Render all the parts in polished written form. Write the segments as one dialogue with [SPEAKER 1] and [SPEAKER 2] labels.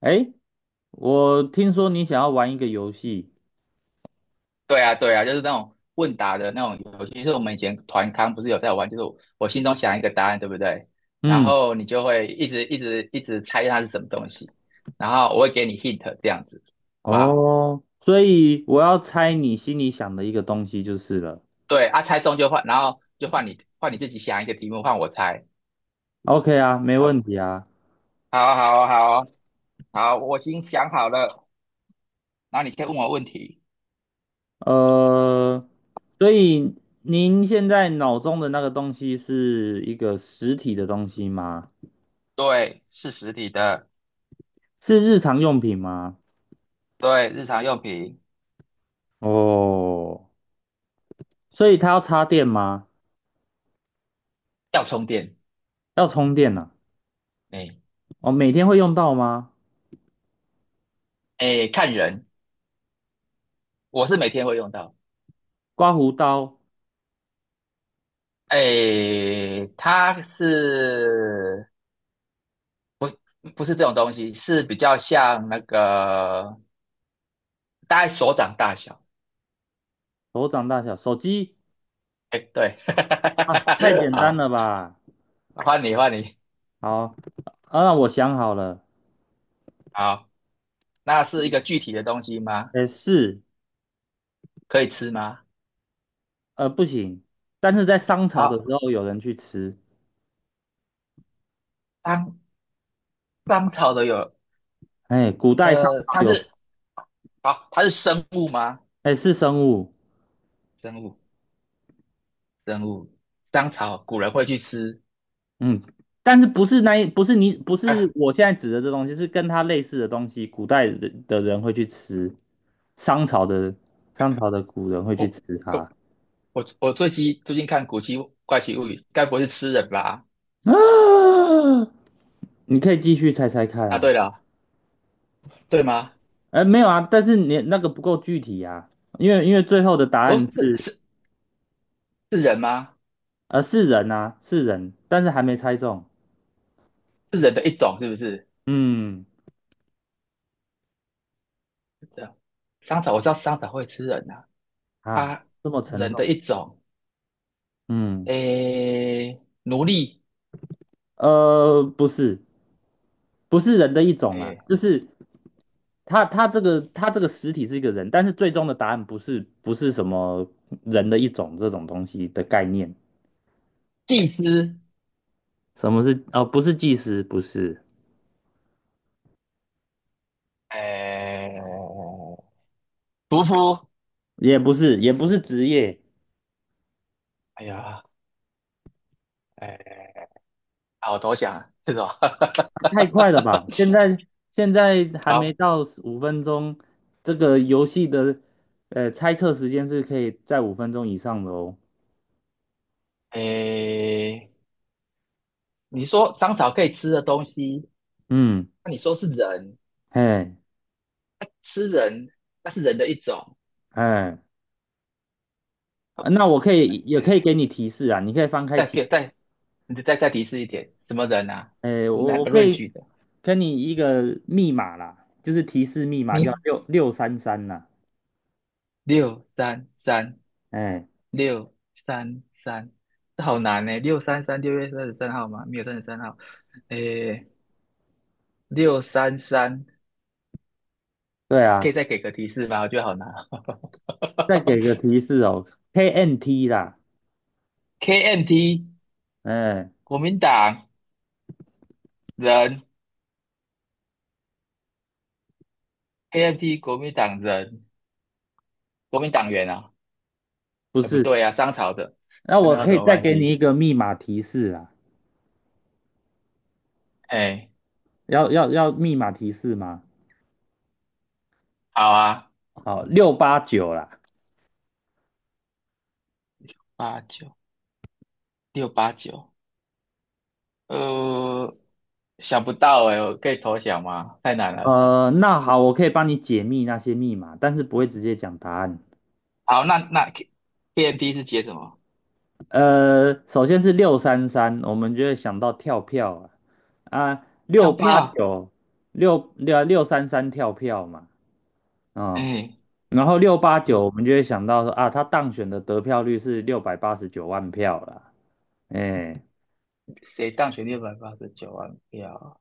[SPEAKER 1] 哎，我听说你想要玩一个游戏，
[SPEAKER 2] 对啊，对啊，就是那种问答的那种游戏，就是我们以前团康不是有在玩，就是我心中想一个答案，对不对？然
[SPEAKER 1] 嗯，
[SPEAKER 2] 后你就会一直猜它是什么东西，然后我会给你 hint 这样子，好不好？
[SPEAKER 1] 哦，所以我要猜你心里想的一个东西就是了。
[SPEAKER 2] 对啊，猜中就换，然后就换你自己想一个题目，换我猜。
[SPEAKER 1] OK 啊，没
[SPEAKER 2] 好，
[SPEAKER 1] 问题啊。
[SPEAKER 2] 好，好，好，好，我已经想好了，然后你可以问我问题。
[SPEAKER 1] 呃，所以您现在脑中的那个东西是一个实体的东西吗？
[SPEAKER 2] 对，是实体的。
[SPEAKER 1] 是日常用品吗？
[SPEAKER 2] 对，日常用品
[SPEAKER 1] 哦，所以它要插电吗？
[SPEAKER 2] 要充电。
[SPEAKER 1] 要充电呐、
[SPEAKER 2] 哎
[SPEAKER 1] 哦，每天会用到吗？
[SPEAKER 2] 哎，看人，我是每天会用到。
[SPEAKER 1] 刮胡刀，
[SPEAKER 2] 诶，它是不是这种东西？是比较像那个大概手掌大小。
[SPEAKER 1] 手掌大小，手机
[SPEAKER 2] 哎，对，
[SPEAKER 1] 啊，太 简单
[SPEAKER 2] 好，
[SPEAKER 1] 了吧？
[SPEAKER 2] 换你，换你。
[SPEAKER 1] 好。啊，那我想好了，
[SPEAKER 2] 好，那是一个具体的东西吗？
[SPEAKER 1] 哎是，
[SPEAKER 2] 可以吃吗？
[SPEAKER 1] 不行，但是在商朝的时
[SPEAKER 2] 好，
[SPEAKER 1] 候有人去吃，
[SPEAKER 2] 当草的有。
[SPEAKER 1] 哎，古代商
[SPEAKER 2] 呃，
[SPEAKER 1] 朝
[SPEAKER 2] 它
[SPEAKER 1] 有，
[SPEAKER 2] 是好，它是生物吗？
[SPEAKER 1] 哎，是生物，
[SPEAKER 2] 生物，生物，当草古人会去吃。
[SPEAKER 1] 嗯，但是不是那一，不是你，不
[SPEAKER 2] 哎，
[SPEAKER 1] 是我现在指的这东西，是跟它类似的东西，古代的人会去吃，商朝的商朝的古人会去
[SPEAKER 2] 我
[SPEAKER 1] 吃它，
[SPEAKER 2] 我我我最近看怪奇物语》，该不会是吃人吧？
[SPEAKER 1] 啊，你可以继续猜猜看
[SPEAKER 2] 啊，
[SPEAKER 1] 啊，
[SPEAKER 2] 对了。对吗？
[SPEAKER 1] 哎，没有啊，但是你那个不够具体啊，因为最后的答案
[SPEAKER 2] 哦，这
[SPEAKER 1] 是。
[SPEAKER 2] 是是人吗？
[SPEAKER 1] 是人啊，是人，但是还没猜中。
[SPEAKER 2] 是人的一种是不是？
[SPEAKER 1] 嗯，
[SPEAKER 2] 是这样，香草我知道香草会吃人呐、啊，
[SPEAKER 1] 啊，
[SPEAKER 2] 啊，
[SPEAKER 1] 这么沉
[SPEAKER 2] 人
[SPEAKER 1] 重。
[SPEAKER 2] 的一种。
[SPEAKER 1] 嗯，
[SPEAKER 2] 诶，奴隶。
[SPEAKER 1] 不是，不是人的一种啊，
[SPEAKER 2] 诶，
[SPEAKER 1] 就是他这个实体是一个人，但是最终的答案不是什么人的一种这种东西的概念。
[SPEAKER 2] 祭司。
[SPEAKER 1] 什么是？哦，不是技师，不是，
[SPEAKER 2] 诶，屠夫。
[SPEAKER 1] 也不是，也不是职业。
[SPEAKER 2] 哎呀，诶，好投降啊，这种。
[SPEAKER 1] 太快了吧！现在 还没
[SPEAKER 2] 好，
[SPEAKER 1] 到五分钟，这个游戏的猜测时间是可以在五分钟以上的哦。
[SPEAKER 2] 诶，你说香草可以吃的东西，
[SPEAKER 1] 嗯，
[SPEAKER 2] 那你说是人，
[SPEAKER 1] 哎
[SPEAKER 2] 那吃人，那是人的一种。
[SPEAKER 1] 哎，啊那我可以也可以
[SPEAKER 2] 诶，
[SPEAKER 1] 给你提示啊，你可以翻开
[SPEAKER 2] 再
[SPEAKER 1] 提，
[SPEAKER 2] 给再你再提示一点，什么人啊？
[SPEAKER 1] 哎，我
[SPEAKER 2] 哪
[SPEAKER 1] 我
[SPEAKER 2] 个
[SPEAKER 1] 可
[SPEAKER 2] 论
[SPEAKER 1] 以
[SPEAKER 2] 据的？
[SPEAKER 1] 跟你一个密码啦，就是提示密码叫
[SPEAKER 2] 你
[SPEAKER 1] 六六三三啦。
[SPEAKER 2] 六三三，
[SPEAKER 1] 哎，
[SPEAKER 2] 六三三，这好难呢。六三三，六月三十三号吗？没有三十三号。诶，六三三，
[SPEAKER 1] 对
[SPEAKER 2] 可以
[SPEAKER 1] 啊，
[SPEAKER 2] 再给个提示吗？我觉得好难
[SPEAKER 1] 再
[SPEAKER 2] 哦。
[SPEAKER 1] 给个提示哦，KNT 啦，
[SPEAKER 2] KMT，
[SPEAKER 1] 哎，
[SPEAKER 2] 国民党人，KMT 国民党人，国民党员啊？
[SPEAKER 1] 不
[SPEAKER 2] 哎，不
[SPEAKER 1] 是，
[SPEAKER 2] 对啊，商朝的，
[SPEAKER 1] 那
[SPEAKER 2] 跟
[SPEAKER 1] 我
[SPEAKER 2] 那有
[SPEAKER 1] 可
[SPEAKER 2] 什
[SPEAKER 1] 以
[SPEAKER 2] 么
[SPEAKER 1] 再
[SPEAKER 2] 关
[SPEAKER 1] 给你
[SPEAKER 2] 系？
[SPEAKER 1] 一个密码提示啦。
[SPEAKER 2] 哎，
[SPEAKER 1] 要密码提示吗？
[SPEAKER 2] 好啊，
[SPEAKER 1] 好，六八九啦。
[SPEAKER 2] 八九六八九，呃，想不到哎，我可以投降吗？太难了。
[SPEAKER 1] 那好，我可以帮你解密那些密码，但是不会直接讲答案。
[SPEAKER 2] 好，那那 K， k m d 是解什么？
[SPEAKER 1] 首先是六三三，我们就会想到跳票啊，
[SPEAKER 2] 票
[SPEAKER 1] 六八
[SPEAKER 2] 票，
[SPEAKER 1] 九，六六六三三跳票嘛，嗯，
[SPEAKER 2] 哎，
[SPEAKER 1] 然后六八九
[SPEAKER 2] 六，
[SPEAKER 1] 我们就会想到说啊，他当选的得票率是689万票啦，哎、欸
[SPEAKER 2] 谁当选689万票？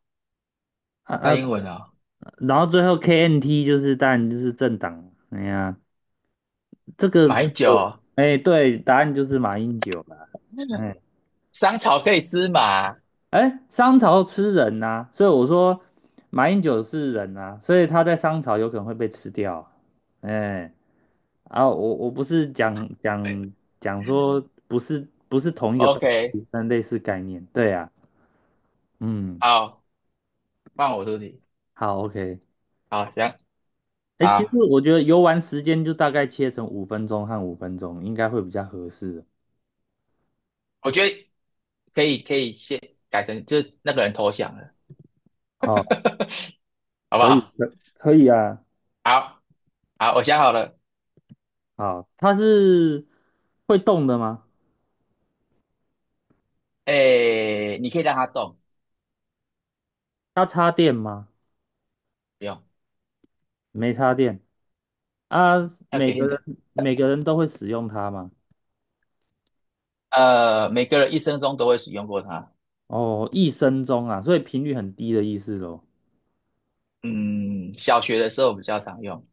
[SPEAKER 1] 啊
[SPEAKER 2] 大
[SPEAKER 1] 啊，
[SPEAKER 2] 英文啊、
[SPEAKER 1] 然后最后 KNT 就是当然就是政党，哎呀，啊这个
[SPEAKER 2] 马
[SPEAKER 1] 这
[SPEAKER 2] 英九
[SPEAKER 1] 个，
[SPEAKER 2] 哦，
[SPEAKER 1] 哎，对，答案就是马英九啦。哎
[SPEAKER 2] 香草可以吃嘛？
[SPEAKER 1] 哎，商朝吃人呐、所以我说马英九是人呐、所以他在商朝有可能会被吃掉啊。哎，啊，我不是讲
[SPEAKER 2] 对，
[SPEAKER 1] 讲讲说不是同一个
[SPEAKER 2] o
[SPEAKER 1] 东
[SPEAKER 2] k
[SPEAKER 1] 西，但类似概念。对啊，嗯，
[SPEAKER 2] 好，换我出题，
[SPEAKER 1] 好，OK。
[SPEAKER 2] 好，行，
[SPEAKER 1] 哎，其实
[SPEAKER 2] 好，
[SPEAKER 1] 我觉得游玩时间就大概切成五分钟和五分钟，应该会比较合适。
[SPEAKER 2] 我觉得可以，可以先改成就是那个人投降了，
[SPEAKER 1] 哦，
[SPEAKER 2] 好不
[SPEAKER 1] 可以，
[SPEAKER 2] 好？
[SPEAKER 1] 可以啊。
[SPEAKER 2] 好，好，我想好了，
[SPEAKER 1] 好，它是会动的吗？
[SPEAKER 2] 哎，你可以让他动。
[SPEAKER 1] 它插电吗？
[SPEAKER 2] 不用。
[SPEAKER 1] 没插电啊。
[SPEAKER 2] 要
[SPEAKER 1] 每
[SPEAKER 2] 给
[SPEAKER 1] 个人
[SPEAKER 2] hint。
[SPEAKER 1] 每个人都会使用它吗？
[SPEAKER 2] 每个人一生中都会使用过它。
[SPEAKER 1] 哦，一生中啊，所以频率很低的意思咯。
[SPEAKER 2] 嗯，小学的时候比较常用。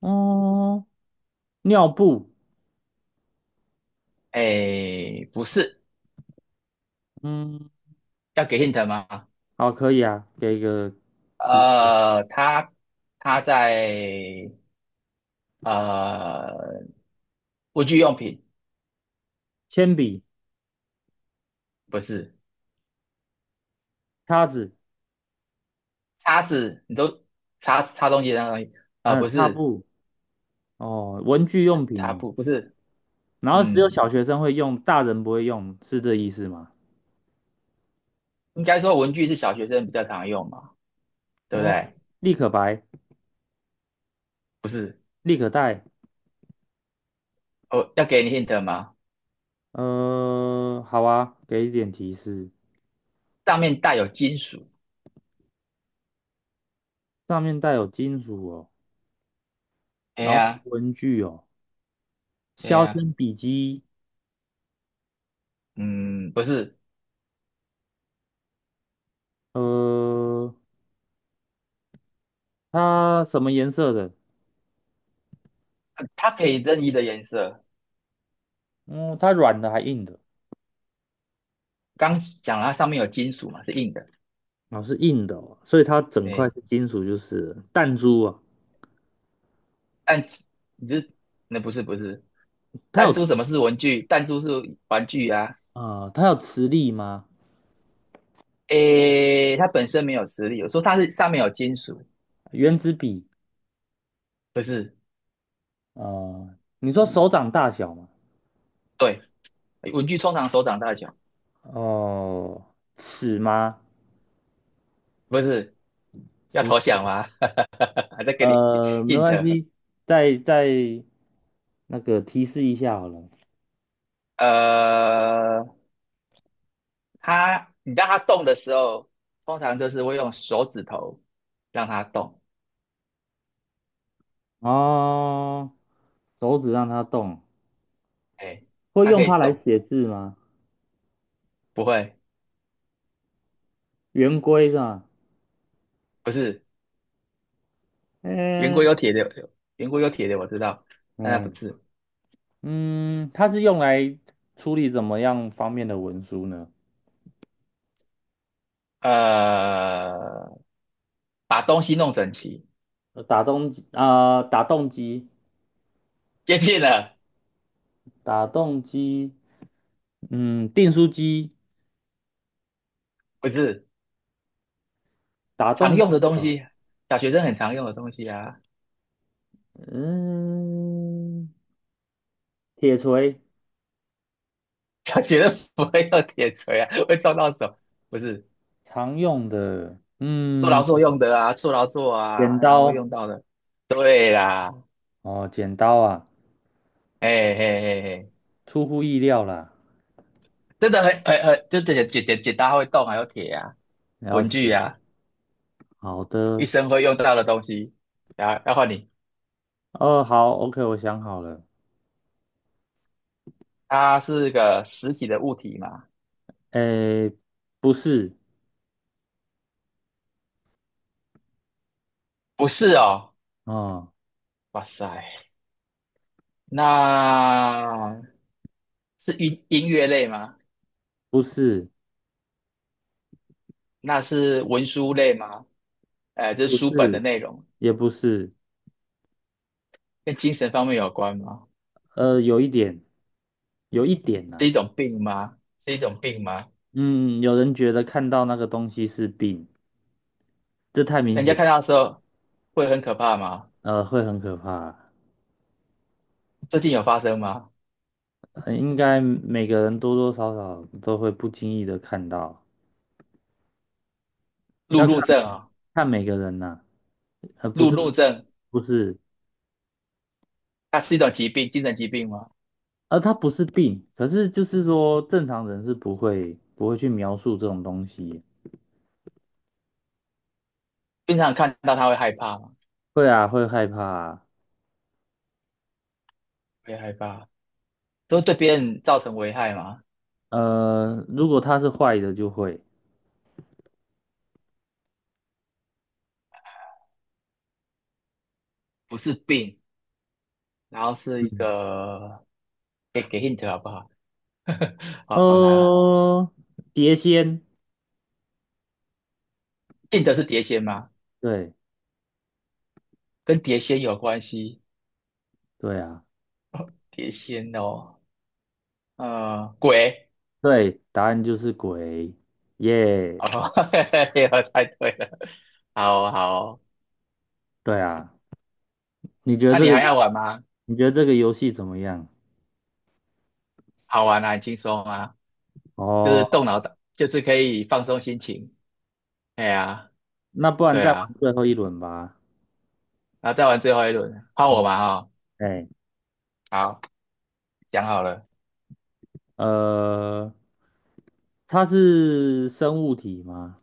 [SPEAKER 1] 哦，尿布，
[SPEAKER 2] 哎，不是。
[SPEAKER 1] 嗯，
[SPEAKER 2] 要给 hint 吗？
[SPEAKER 1] 好，可以啊，给一个提示，
[SPEAKER 2] 呃，它它在呃文具用品。
[SPEAKER 1] 铅笔、
[SPEAKER 2] 不是
[SPEAKER 1] 叉子，
[SPEAKER 2] 叉子。你都擦东西的那个东西啊、呃
[SPEAKER 1] 嗯、
[SPEAKER 2] 不
[SPEAKER 1] 擦
[SPEAKER 2] 是，
[SPEAKER 1] 布，哦，文具
[SPEAKER 2] 擦
[SPEAKER 1] 用
[SPEAKER 2] 擦
[SPEAKER 1] 品哦。
[SPEAKER 2] 布，不是。
[SPEAKER 1] 然后只有
[SPEAKER 2] 嗯，
[SPEAKER 1] 小学生会用，大人不会用，是这意思吗？
[SPEAKER 2] 应该说文具是小学生比较常用嘛，对不
[SPEAKER 1] 哦，
[SPEAKER 2] 对？
[SPEAKER 1] 立可白、
[SPEAKER 2] 不是。
[SPEAKER 1] 立可带。
[SPEAKER 2] 哦，要给你 hint 吗？
[SPEAKER 1] 嗯、好啊，给一点提示。
[SPEAKER 2] 上面带有金属。
[SPEAKER 1] 上面带有金属哦，
[SPEAKER 2] 哎
[SPEAKER 1] 然后是
[SPEAKER 2] 呀，
[SPEAKER 1] 文具哦，
[SPEAKER 2] 哎
[SPEAKER 1] 削
[SPEAKER 2] 呀，
[SPEAKER 1] 铅笔机，
[SPEAKER 2] 嗯，不是。
[SPEAKER 1] 呃，它什么颜色的？
[SPEAKER 2] 它可以任意的颜色。
[SPEAKER 1] 嗯，它软的还硬的？
[SPEAKER 2] 刚讲了它上面有金属嘛，是硬的。
[SPEAKER 1] 哦，是硬的哦，所以它整块是
[SPEAKER 2] 哎，
[SPEAKER 1] 金属，就是弹珠啊。
[SPEAKER 2] 弹珠，你是那不是不是
[SPEAKER 1] 它
[SPEAKER 2] 弹
[SPEAKER 1] 有
[SPEAKER 2] 珠？什么是文具？弹珠是玩具啊。
[SPEAKER 1] 它有磁力吗？
[SPEAKER 2] 诶，它本身没有磁力，我说它是上面有金属。
[SPEAKER 1] 原子笔
[SPEAKER 2] 不是？
[SPEAKER 1] 啊、你说手掌大小吗？
[SPEAKER 2] 对，文具通常手掌大小。
[SPEAKER 1] 哦、尺吗？
[SPEAKER 2] 不是？要
[SPEAKER 1] 不。
[SPEAKER 2] 投降吗？还在给你
[SPEAKER 1] 没关
[SPEAKER 2] hint。
[SPEAKER 1] 系，再那个提示一下好了。
[SPEAKER 2] 呃，它你让它动的时候，通常就是会用手指头让它动。
[SPEAKER 1] 哦，手指让它动，
[SPEAKER 2] 诶，
[SPEAKER 1] 会
[SPEAKER 2] 它
[SPEAKER 1] 用
[SPEAKER 2] 可以
[SPEAKER 1] 它来
[SPEAKER 2] 动，
[SPEAKER 1] 写字吗？
[SPEAKER 2] 不会？
[SPEAKER 1] 圆规是吧？
[SPEAKER 2] 不是？圆规有
[SPEAKER 1] 嗯
[SPEAKER 2] 铁的，圆规有铁的，我知道，但它不
[SPEAKER 1] 嗯
[SPEAKER 2] 是。
[SPEAKER 1] 嗯，它是用来处理怎么样方面的文书呢？
[SPEAKER 2] 呃，把东西弄整齐。
[SPEAKER 1] 打洞机啊、
[SPEAKER 2] 接近了。
[SPEAKER 1] 打洞机，嗯，订书机，
[SPEAKER 2] 不是，
[SPEAKER 1] 打
[SPEAKER 2] 常
[SPEAKER 1] 洞，
[SPEAKER 2] 用的东
[SPEAKER 1] 呃
[SPEAKER 2] 西，小学生很常用的东西啊。
[SPEAKER 1] 嗯，铁锤，
[SPEAKER 2] 小学生不会用铁锤啊，会撞到手，不是。
[SPEAKER 1] 常用的，
[SPEAKER 2] 做劳
[SPEAKER 1] 嗯，
[SPEAKER 2] 作用的啊，做劳作
[SPEAKER 1] 剪
[SPEAKER 2] 啊，然后会用
[SPEAKER 1] 刀。
[SPEAKER 2] 到的。对啦，
[SPEAKER 1] 哦，剪刀啊，
[SPEAKER 2] 嘿嘿嘿嘿，
[SPEAKER 1] 出乎意料啦，
[SPEAKER 2] 真的很，就剪刀会动，还有铁啊，
[SPEAKER 1] 了
[SPEAKER 2] 文具
[SPEAKER 1] 解。
[SPEAKER 2] 啊，
[SPEAKER 1] 好
[SPEAKER 2] 一
[SPEAKER 1] 的，
[SPEAKER 2] 生会用到的东西。然后你，
[SPEAKER 1] 哦，好，OK，我想好了。
[SPEAKER 2] 它是个实体的物体嘛？
[SPEAKER 1] 诶，不是，
[SPEAKER 2] 不是哦，
[SPEAKER 1] 哦，
[SPEAKER 2] 哇塞。那是音乐类吗？
[SPEAKER 1] 不是，
[SPEAKER 2] 那是文书类吗？这是
[SPEAKER 1] 不
[SPEAKER 2] 书本的
[SPEAKER 1] 是，
[SPEAKER 2] 内容。
[SPEAKER 1] 也不是，
[SPEAKER 2] 跟精神方面有关吗？
[SPEAKER 1] 有一点，有一点
[SPEAKER 2] 是
[SPEAKER 1] 呐、
[SPEAKER 2] 一种病吗？是一种病吗？
[SPEAKER 1] 嗯，有人觉得看到那个东西是病，这太明
[SPEAKER 2] 人家
[SPEAKER 1] 显，
[SPEAKER 2] 看到的时候会很可怕吗？
[SPEAKER 1] 会很可怕。
[SPEAKER 2] 最近有发生吗？
[SPEAKER 1] 应该每个人多多少少都会不经意的看到，
[SPEAKER 2] 路
[SPEAKER 1] 要看
[SPEAKER 2] 怒症啊、
[SPEAKER 1] 看每个人呐、不
[SPEAKER 2] 路
[SPEAKER 1] 是，
[SPEAKER 2] 怒症，
[SPEAKER 1] 不是，
[SPEAKER 2] 它是一种疾病，精神疾病吗？
[SPEAKER 1] 它不是病，可是就是说正常人是不会去描述这种东西，
[SPEAKER 2] 经常看到他会害怕吗？
[SPEAKER 1] 会啊，会害怕啊。
[SPEAKER 2] 会害怕，都对别人造成危害吗？
[SPEAKER 1] 如果它是坏的就会，
[SPEAKER 2] 不是病，然后是一
[SPEAKER 1] 嗯，
[SPEAKER 2] 个，给给 hint 好不好？好难啊。
[SPEAKER 1] 呃，碟仙，
[SPEAKER 2] 硬的是碟仙吗？
[SPEAKER 1] 对
[SPEAKER 2] 跟碟仙有关系？
[SPEAKER 1] 对啊，
[SPEAKER 2] 碟仙哦，鬼
[SPEAKER 1] 对，答案就是鬼，耶、
[SPEAKER 2] 哦，嘿我猜对了，好哦好哦。
[SPEAKER 1] 对啊。你觉得
[SPEAKER 2] 那
[SPEAKER 1] 这
[SPEAKER 2] 你还
[SPEAKER 1] 个
[SPEAKER 2] 要玩吗？
[SPEAKER 1] 你觉得这个游戏怎么样？
[SPEAKER 2] 好玩啊，很轻松啊，就是动
[SPEAKER 1] 哦，
[SPEAKER 2] 脑的，就是可以放松心情。哎呀，
[SPEAKER 1] 那不然
[SPEAKER 2] 对
[SPEAKER 1] 再玩
[SPEAKER 2] 啊，
[SPEAKER 1] 最后一轮吧。
[SPEAKER 2] 然后再玩最后一轮，换我嘛哈、
[SPEAKER 1] 哎，
[SPEAKER 2] 好，讲好了。
[SPEAKER 1] 呃，它是生物体吗？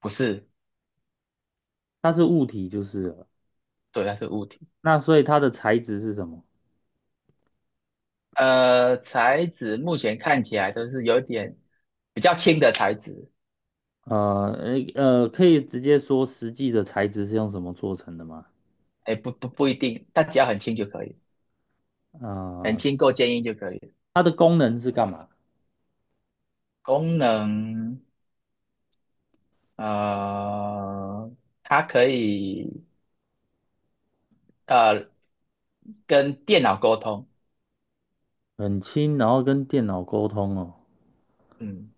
[SPEAKER 2] 不是。
[SPEAKER 1] 它是物体就是了。
[SPEAKER 2] 对，它是物体。
[SPEAKER 1] 那所以它的材质是什么？
[SPEAKER 2] 材质目前看起来都是有点比较轻的材质。
[SPEAKER 1] 可以直接说实际的材质是用什么做成的吗？
[SPEAKER 2] 哎，不一定，但只要很轻就可以。很
[SPEAKER 1] 啊、
[SPEAKER 2] 轻够坚硬就可以。
[SPEAKER 1] 它的功能是干嘛？
[SPEAKER 2] 功能，呃，它可以呃跟电脑沟通。
[SPEAKER 1] 很轻，然后跟电脑沟通哦。
[SPEAKER 2] 嗯，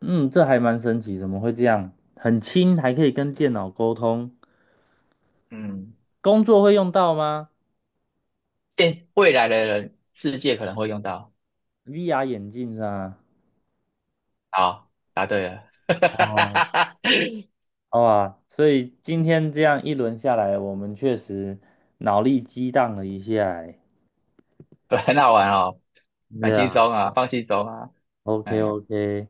[SPEAKER 1] 嗯，这还蛮神奇，怎么会这样？很轻，还可以跟电脑沟通，
[SPEAKER 2] 嗯，
[SPEAKER 1] 工作会用到吗
[SPEAKER 2] 电未来的人世界可能会用到。
[SPEAKER 1] ？VR 眼镜上啊。
[SPEAKER 2] 好，答对了。
[SPEAKER 1] 哦，好吧，所以今天这样一轮下来，我们确实脑力激荡了一下欸。
[SPEAKER 2] 很好玩哦，蛮
[SPEAKER 1] 对
[SPEAKER 2] 轻
[SPEAKER 1] 啊
[SPEAKER 2] 松啊，放轻松啊。
[SPEAKER 1] ，OK
[SPEAKER 2] 哎，
[SPEAKER 1] OK。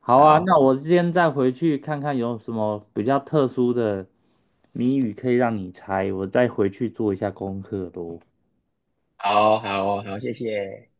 [SPEAKER 1] 好啊，那
[SPEAKER 2] 好，
[SPEAKER 1] 我今天再回去看看有什么比较特殊的谜语可以让你猜，我再回去做一下功课喽。
[SPEAKER 2] 好，好，好，谢谢。